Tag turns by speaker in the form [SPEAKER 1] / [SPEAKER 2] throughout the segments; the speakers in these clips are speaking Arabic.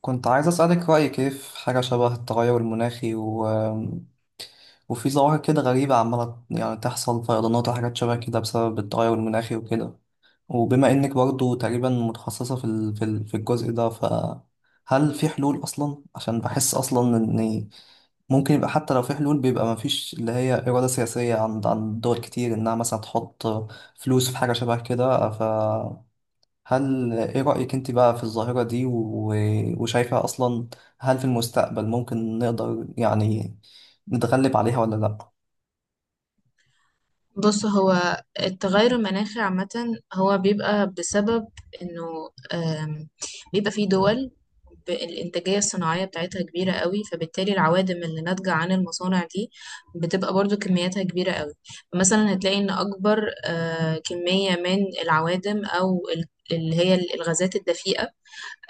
[SPEAKER 1] كنت عايز أسألك رأيك إيه في حاجة شبه التغير المناخي وفي ظواهر كده غريبة عمالة يعني تحصل فيضانات وحاجات شبه كده بسبب التغير المناخي وكده. وبما إنك برضو تقريبا متخصصة في الجزء ده، فهل في حلول أصلا؟ عشان بحس أصلا إن ممكن يبقى، حتى لو في حلول بيبقى مفيش اللي هي إرادة سياسية عند دول كتير إنها مثلا تحط فلوس في حاجة شبه كده. هل ايه رأيك انت بقى في الظاهرة دي وشايفة اصلا هل في المستقبل ممكن نقدر يعني نتغلب عليها ولا لا؟
[SPEAKER 2] بص، هو التغير المناخي عامة هو بيبقى بسبب انه بيبقى في دول الانتاجية الصناعية بتاعتها كبيرة قوي، فبالتالي العوادم اللي ناتجة عن المصانع دي بتبقى برضو كمياتها كبيرة قوي. مثلا هتلاقي ان اكبر كمية من العوادم او اللي هي الغازات الدفيئة،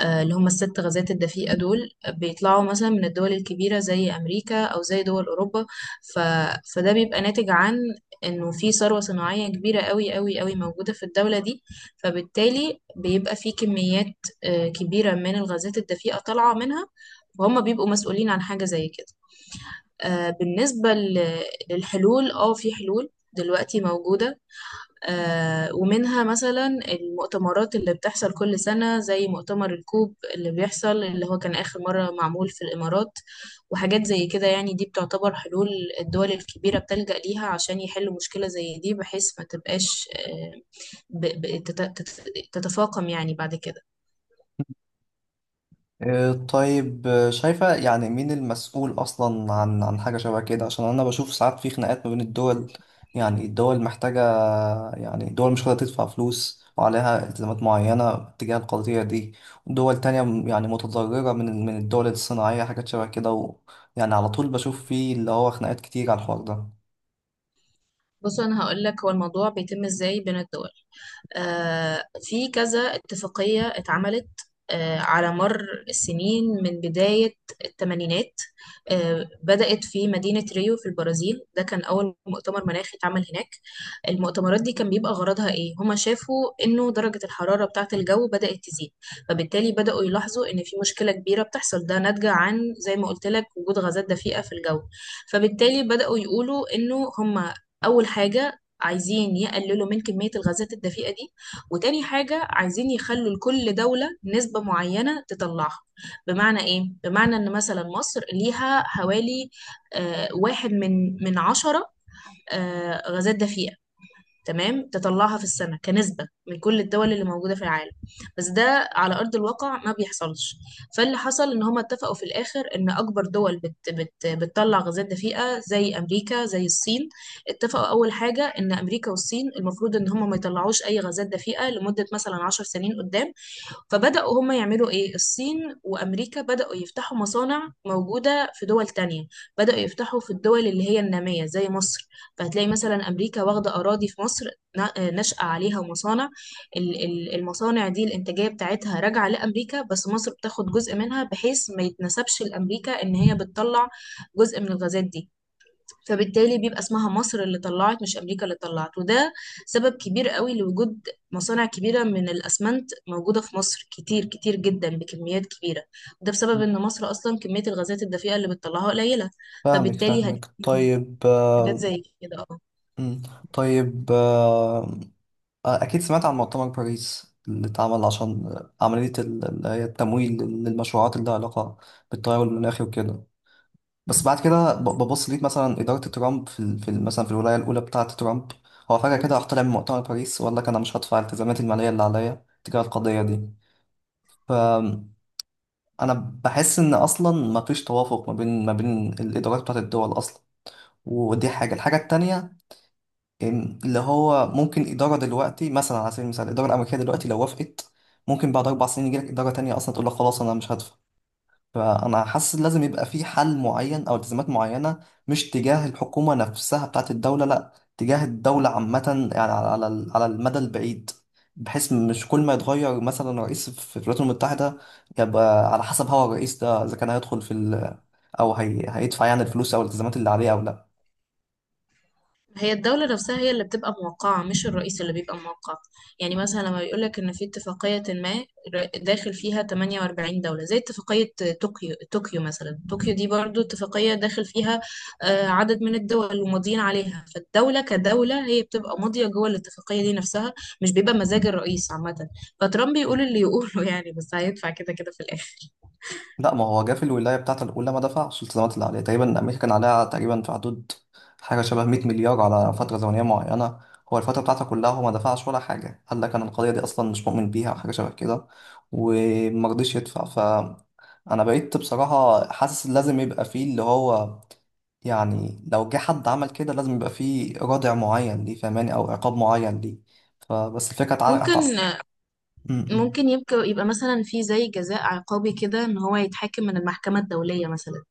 [SPEAKER 2] اللي هم الست غازات الدفيئة دول بيطلعوا مثلا من الدول الكبيرة زي أمريكا أو زي دول أوروبا. ف... فده بيبقى ناتج عن إنه في ثروة صناعية كبيرة قوي قوي قوي موجودة في الدولة دي، فبالتالي بيبقى في كميات كبيرة من الغازات الدفيئة طالعة منها، وهم بيبقوا مسؤولين عن حاجة زي كده. بالنسبة للحلول، اه في حلول دلوقتي موجودة، ومنها مثلا المؤتمرات اللي بتحصل كل سنة زي مؤتمر الكوب اللي بيحصل، اللي هو كان آخر مرة معمول في الإمارات، وحاجات زي كده. يعني دي بتعتبر حلول الدول الكبيرة بتلجأ ليها عشان يحلوا مشكلة زي دي بحيث ما تبقاش ب- ب- تت- تت- تتفاقم يعني بعد كده.
[SPEAKER 1] طيب. شايفة يعني مين المسؤول أصلا عن حاجة شبه كده؟ عشان أنا بشوف ساعات في خناقات ما بين الدول، يعني الدول محتاجة، يعني دول مش قادرة تدفع فلوس وعليها التزامات معينة تجاه القضية دي، ودول تانية يعني متضررة من الدول الصناعية حاجات شبه كده. ويعني على طول بشوف فيه اللي هو خناقات كتير على الحوار ده.
[SPEAKER 2] بص، أنا هقولك هو الموضوع بيتم إزاي بين الدول. في كذا اتفاقية اتعملت على مر السنين من بداية الثمانينات. بدأت في مدينة ريو في البرازيل، ده كان أول مؤتمر مناخي اتعمل هناك. المؤتمرات دي كان بيبقى غرضها إيه؟ هما شافوا إنه درجة الحرارة بتاعة الجو بدأت تزيد، فبالتالي بدأوا يلاحظوا إن في مشكلة كبيرة بتحصل، ده ناتجة عن، زي ما قلت لك، وجود غازات دفيئة في الجو. فبالتالي بدأوا يقولوا إنه هما أول حاجة عايزين يقللوا من كمية الغازات الدفيئة دي، وتاني حاجة عايزين يخلوا لكل دولة نسبة معينة تطلعها. بمعنى ايه؟ بمعنى ان مثلا مصر ليها حوالي واحد من عشرة غازات دفيئة، تمام، تطلعها في السنة كنسبة من كل الدول اللي موجودة في العالم. بس ده على أرض الواقع ما بيحصلش. فاللي حصل إن هما اتفقوا في الآخر إن أكبر دول بت بت بتطلع غازات دفيئة زي أمريكا زي الصين، اتفقوا أول حاجة إن أمريكا والصين المفروض إن هما ما يطلعوش أي غازات دفيئة لمدة مثلا عشر سنين قدام. فبدأوا هم يعملوا ايه؟ الصين وامريكا بدأوا يفتحوا مصانع موجودة في دول تانية، بدأوا يفتحوا في الدول اللي هي النامية زي مصر. فهتلاقي مثلا امريكا واخدة اراضي في مصر، نشأ عليها مصانع. المصانع دي الانتاجية بتاعتها راجعة لامريكا، بس مصر بتاخد جزء منها بحيث ما يتنسبش لامريكا ان هي بتطلع جزء من الغازات دي. فبالتالي بيبقى اسمها مصر اللي طلعت، مش امريكا اللي طلعت. وده سبب كبير قوي لوجود مصانع كبيره من الاسمنت موجوده في مصر، كتير كتير جدا بكميات كبيره، وده بسبب ان مصر اصلا كميه الغازات الدفيئه اللي بتطلعها قليله،
[SPEAKER 1] فاهمك
[SPEAKER 2] فبالتالي
[SPEAKER 1] فاهمك
[SPEAKER 2] هتجيب
[SPEAKER 1] طيب.
[SPEAKER 2] حاجات زي كده.
[SPEAKER 1] مم. طيب. أكيد سمعت عن مؤتمر باريس اللي اتعمل عشان عملية اللي هي التمويل للمشروعات اللي لها علاقة بالتغير المناخي وكده. بس بعد كده ببص ليك، مثلا إدارة ترامب مثلا في الولاية الأولى بتاعة ترامب، هو فجأة كده راح طلع من مؤتمر باريس وقال لك أنا مش هدفع الالتزامات المالية اللي عليا تجاه القضية دي. فأنا بحس إن أصلا مفيش توافق ما بين الإدارات بتاعة الدول أصلا. ودي حاجة، الحاجة التانية، اللي هو ممكن إدارة دلوقتي، مثلا على سبيل المثال الإدارة الأمريكية دلوقتي لو وافقت، ممكن بعد أربع سنين يجيلك إدارة تانية أصلا تقول لك خلاص أنا مش هدفع. فأنا حاسس لازم يبقى في حل معين أو التزامات معينة، مش تجاه الحكومة نفسها بتاعت الدولة، لأ، تجاه الدولة عامة. يعني على المدى البعيد، بحيث مش كل ما يتغير مثلا رئيس في الولايات المتحدة يبقى على حسب هو الرئيس ده إذا كان هيدخل في ال، هيدفع يعني الفلوس أو الالتزامات اللي عليه أو لأ.
[SPEAKER 2] هي الدولة نفسها هي اللي بتبقى موقعة، مش الرئيس اللي بيبقى موقع. يعني مثلا لما بيقولك إن في اتفاقية ما داخل فيها 48 دولة، زي اتفاقية طوكيو. طوكيو مثلا دي برضو اتفاقية داخل فيها عدد من الدول وماضيين عليها، فالدولة كدولة هي بتبقى ماضية جوه الاتفاقية دي نفسها، مش بيبقى مزاج الرئيس عامة. فترامب يقول اللي يقوله يعني، بس هيدفع كده كده في الآخر.
[SPEAKER 1] لا، ما هو جه في الولاية بتاعته الأولى ما دفعش الالتزامات اللي عليه. تقريبا أمريكا كان عليها تقريبا في حدود حاجة شبه 100 مليار على فترة زمنية معينة، هو الفترة بتاعته كلها هو ما دفعش ولا حاجة. قال لك أنا القضية دي أصلا مش مؤمن بيها أو حاجة شبه كده، وما رضيش يدفع. ف أنا بقيت بصراحة حاسس لازم يبقى فيه اللي هو، يعني لو جه حد عمل كده لازم يبقى فيه رادع معين ليه، فاهماني، أو عقاب معين ليه. فبس الفكرة تعالى
[SPEAKER 2] ممكن
[SPEAKER 1] م- م.
[SPEAKER 2] ممكن يبقى مثلا في زي جزاء عقابي كده، إن هو يتحاكم من المحكمة الدولية مثلا،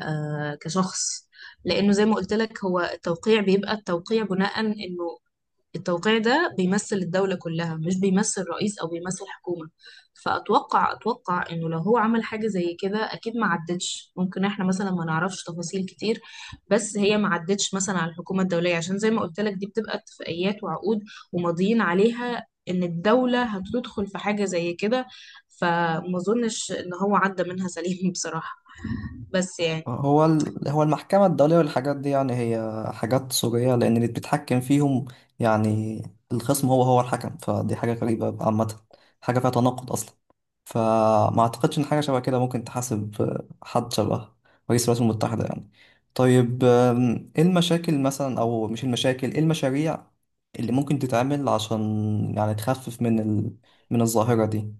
[SPEAKER 2] كشخص. لانه زي ما قلت لك، هو التوقيع بيبقى التوقيع بناء انه التوقيع ده بيمثل الدولة كلها، مش بيمثل رئيس او بيمثل حكومة. فاتوقع انه لو هو عمل حاجة زي كده اكيد ما عدتش. ممكن احنا مثلا ما نعرفش تفاصيل كتير، بس هي ما عدتش مثلا على الحكومة الدولية، عشان زي ما قلت لك، دي بتبقى اتفاقيات وعقود وماضيين عليها ان الدولة هتدخل في حاجة زي كده. فما اظنش ان هو عدى منها سليم بصراحة. بس يعني،
[SPEAKER 1] هو هو المحكمة الدولية والحاجات دي يعني هي حاجات سورية، لأن اللي بيتحكم فيهم، يعني الخصم هو الحكم، فدي حاجة غريبة عامة، حاجة فيها تناقض أصلا. فما أعتقدش إن حاجة شبه كده ممكن تحاسب حد شبه رئيس الولايات المتحدة يعني. طيب، إيه المشاكل مثلا، أو مش المشاكل، إيه المشاريع اللي ممكن تتعمل عشان يعني تخفف من الظاهرة دي؟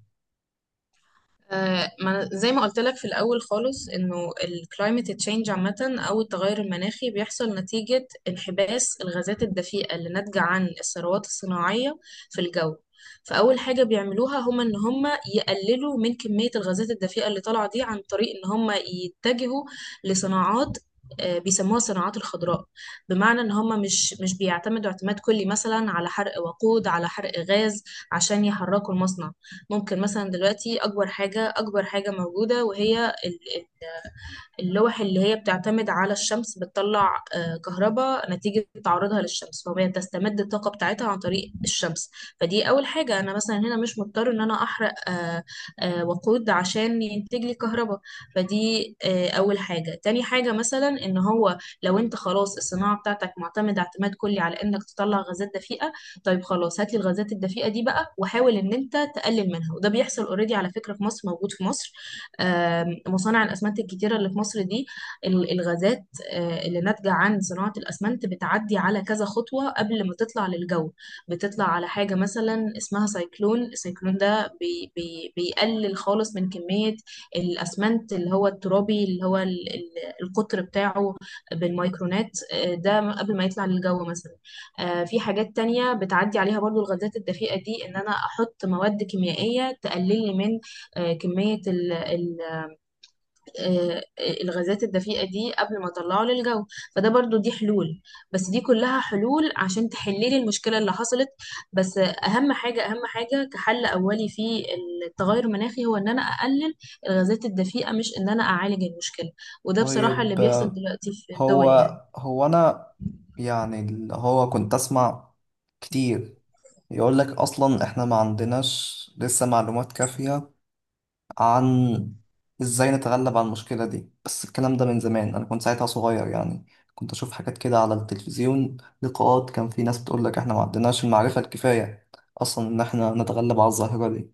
[SPEAKER 2] ما أنا- زي ما قلت لك في الأول خالص، إنه الكلايمت تشينج عامة أو التغير المناخي بيحصل نتيجة انحباس الغازات الدفيئة اللي ناتجة عن الثروات الصناعية في الجو. فأول حاجة بيعملوها هما إن هما يقللوا من كمية الغازات الدفيئة اللي طالعة دي، عن طريق إن هما يتجهوا لصناعات بيسموها الصناعات الخضراء. بمعنى ان هم مش بيعتمدوا اعتماد كلي مثلا على حرق وقود، على حرق غاز عشان يحركوا المصنع. ممكن مثلا دلوقتي، اكبر حاجه، موجوده، وهي اللوح اللي هي بتعتمد على الشمس، بتطلع كهرباء نتيجة تعرضها للشمس، فهي تستمد الطاقة بتاعتها عن طريق الشمس. فدي أول حاجة، أنا مثلا هنا مش مضطر إن أنا أحرق وقود عشان ينتج لي كهرباء. فدي أول حاجة. تاني حاجة مثلا إن هو لو أنت خلاص الصناعة بتاعتك معتمدة اعتماد كلي على إنك تطلع غازات دفيئة، طيب خلاص، هات لي الغازات الدفيئة دي بقى وحاول إن أنت تقلل منها. وده بيحصل أوريدي على فكرة في مصر، موجود في مصر، مصانع الأسمنت الكتيرة اللي في مصر دي، الغازات اللي ناتجة عن صناعة الأسمنت بتعدي على كذا خطوة قبل ما تطلع للجو. بتطلع على حاجة مثلا اسمها سايكلون، السايكلون ده بي بي بيقلل خالص من كمية الأسمنت اللي هو الترابي، اللي هو القطر بتاعه بالميكرونات، ده قبل ما يطلع للجو مثلا. في حاجات تانية بتعدي عليها برضو الغازات الدفيئة دي، إن أنا أحط مواد كيميائية تقلل لي من كمية الغازات الدفيئة دي قبل ما اطلعه للجو. فده برضو دي حلول، بس دي كلها حلول عشان تحللي المشكلة اللي حصلت. بس اهم حاجة، كحل اولي في التغير المناخي هو ان انا اقلل الغازات الدفيئة، مش ان انا اعالج المشكلة. وده بصراحة اللي
[SPEAKER 1] طيب،
[SPEAKER 2] بيحصل دلوقتي في الدول
[SPEAKER 1] هو
[SPEAKER 2] يعني.
[SPEAKER 1] هو انا يعني اللي هو كنت اسمع كتير يقول لك اصلا احنا ما عندناش لسه معلومات كافية عن ازاي نتغلب على المشكلة دي. بس الكلام ده من زمان، انا كنت ساعتها صغير يعني، كنت اشوف حاجات كده على التلفزيون، لقاءات، كان في ناس بتقول لك احنا ما عندناش المعرفة الكفاية اصلا ان احنا نتغلب على الظاهرة دي.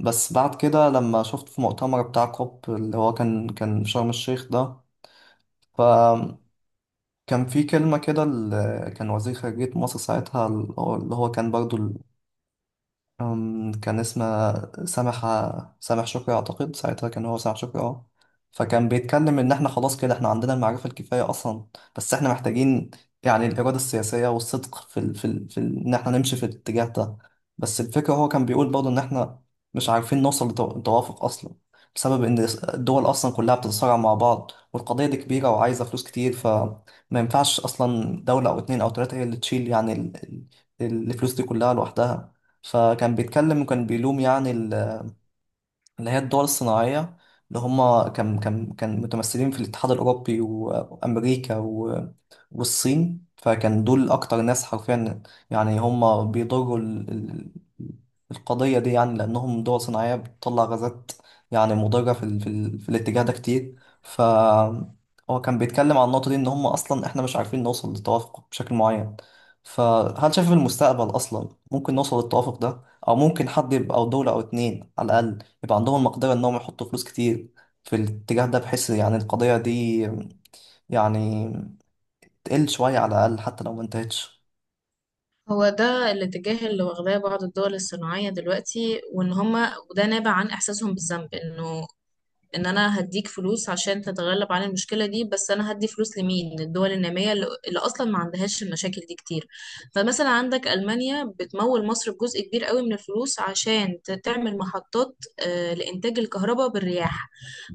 [SPEAKER 1] بس بعد كده لما شفت في مؤتمر بتاع كوب اللي هو كان في شرم الشيخ ده، كان في كلمة كده، كان وزير خارجية مصر ساعتها، اللي هو كان برضو، كان اسمه سامح سامح شكري أعتقد، ساعتها كان هو سامح شكري، اه. فكان بيتكلم إن إحنا خلاص كده إحنا عندنا المعرفة الكفاية أصلا، بس إحنا محتاجين يعني الإرادة السياسية والصدق إن إحنا نمشي في الاتجاه ده. بس الفكرة هو كان بيقول برضه إن إحنا مش عارفين نوصل لتوافق أصلا، بسبب إن الدول أصلا كلها بتتصارع مع بعض، والقضية دي كبيرة وعايزة فلوس كتير، فما ينفعش أصلا دولة أو اتنين أو تلاتة هي اللي تشيل يعني الفلوس دي كلها لوحدها. فكان بيتكلم وكان بيلوم يعني اللي هي الدول الصناعية، اللي هم كان متمثلين في الاتحاد الأوروبي وأمريكا والصين، فكان دول أكتر ناس حرفيا يعني هم بيضروا القضية دي يعني، لأنهم دول صناعية بتطلع غازات يعني مضرة في الاتجاه ده كتير. ف هو كان بيتكلم عن النقطة دي إن هم أصلا إحنا مش عارفين نوصل لتوافق بشكل معين. فهل شايف في المستقبل أصلا ممكن نوصل للتوافق ده؟ أو ممكن حد يبقى، أو دولة أو اتنين على الأقل يبقى عندهم المقدرة إنهم يحطوا فلوس كتير في الاتجاه ده، بحيث يعني القضية دي يعني تقل شوية على الأقل حتى لو ما انتهتش.
[SPEAKER 2] هو ده الاتجاه اللي واخداه بعض الدول الصناعية دلوقتي، وان هما، وده نابع عن احساسهم بالذنب، انه ان انا هديك فلوس عشان تتغلب عن المشكله دي. بس انا هدي فلوس لمين؟ للدول الناميه اللي اصلا ما عندهاش المشاكل دي كتير. فمثلا عندك المانيا بتمول مصر بجزء كبير قوي من الفلوس عشان تعمل محطات لانتاج الكهرباء بالرياح،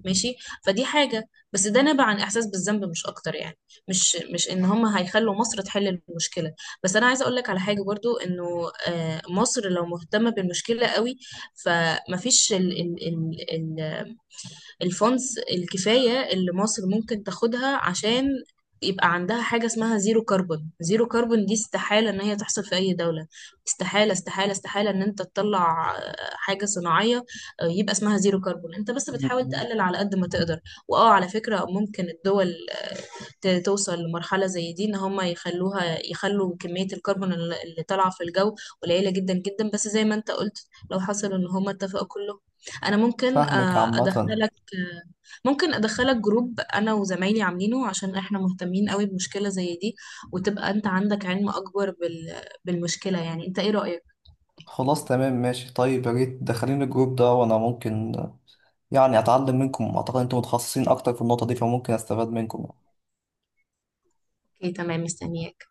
[SPEAKER 2] ماشي. فدي حاجه، بس ده نابع عن احساس بالذنب مش اكتر يعني، مش ان هم هيخلوا مصر تحل المشكله. بس انا عايزه اقول لك على حاجه برضو، انه مصر لو مهتمه بالمشكله قوي، فمفيش ال ال ال الفونز الكفاية اللي مصر ممكن تاخدها عشان يبقى عندها حاجة اسمها زيرو كربون. زيرو كربون دي استحالة ان هي تحصل في اي دولة، استحالة استحالة استحالة ان انت تطلع حاجة صناعية يبقى اسمها زيرو كربون. انت بس بتحاول
[SPEAKER 1] مم.
[SPEAKER 2] تقلل على قد ما تقدر. واه، على فكرة ممكن الدول توصل لمرحلة زي دي، ان هم يخلوها، يخلوا كمية الكربون اللي طالعة في الجو قليلة جدا جدا، بس زي ما انت قلت لو حصل ان هم اتفقوا كله. انا ممكن
[SPEAKER 1] فاهمك عامة.
[SPEAKER 2] ادخلك، جروب انا وزمايلي عاملينه عشان احنا مهتمين قوي بمشكلة زي دي، وتبقى انت عندك علم اكبر بالمشكلة. يعني انت ايه رأيك؟
[SPEAKER 1] خلاص، تمام، ماشي. طيب يا ريت دخلين الجروب ده، وأنا ممكن يعني أتعلم منكم، أعتقد أنتم متخصصين أكتر في النقطة دي فممكن أستفاد منكم.
[SPEAKER 2] اوكي تمام، مستنياك.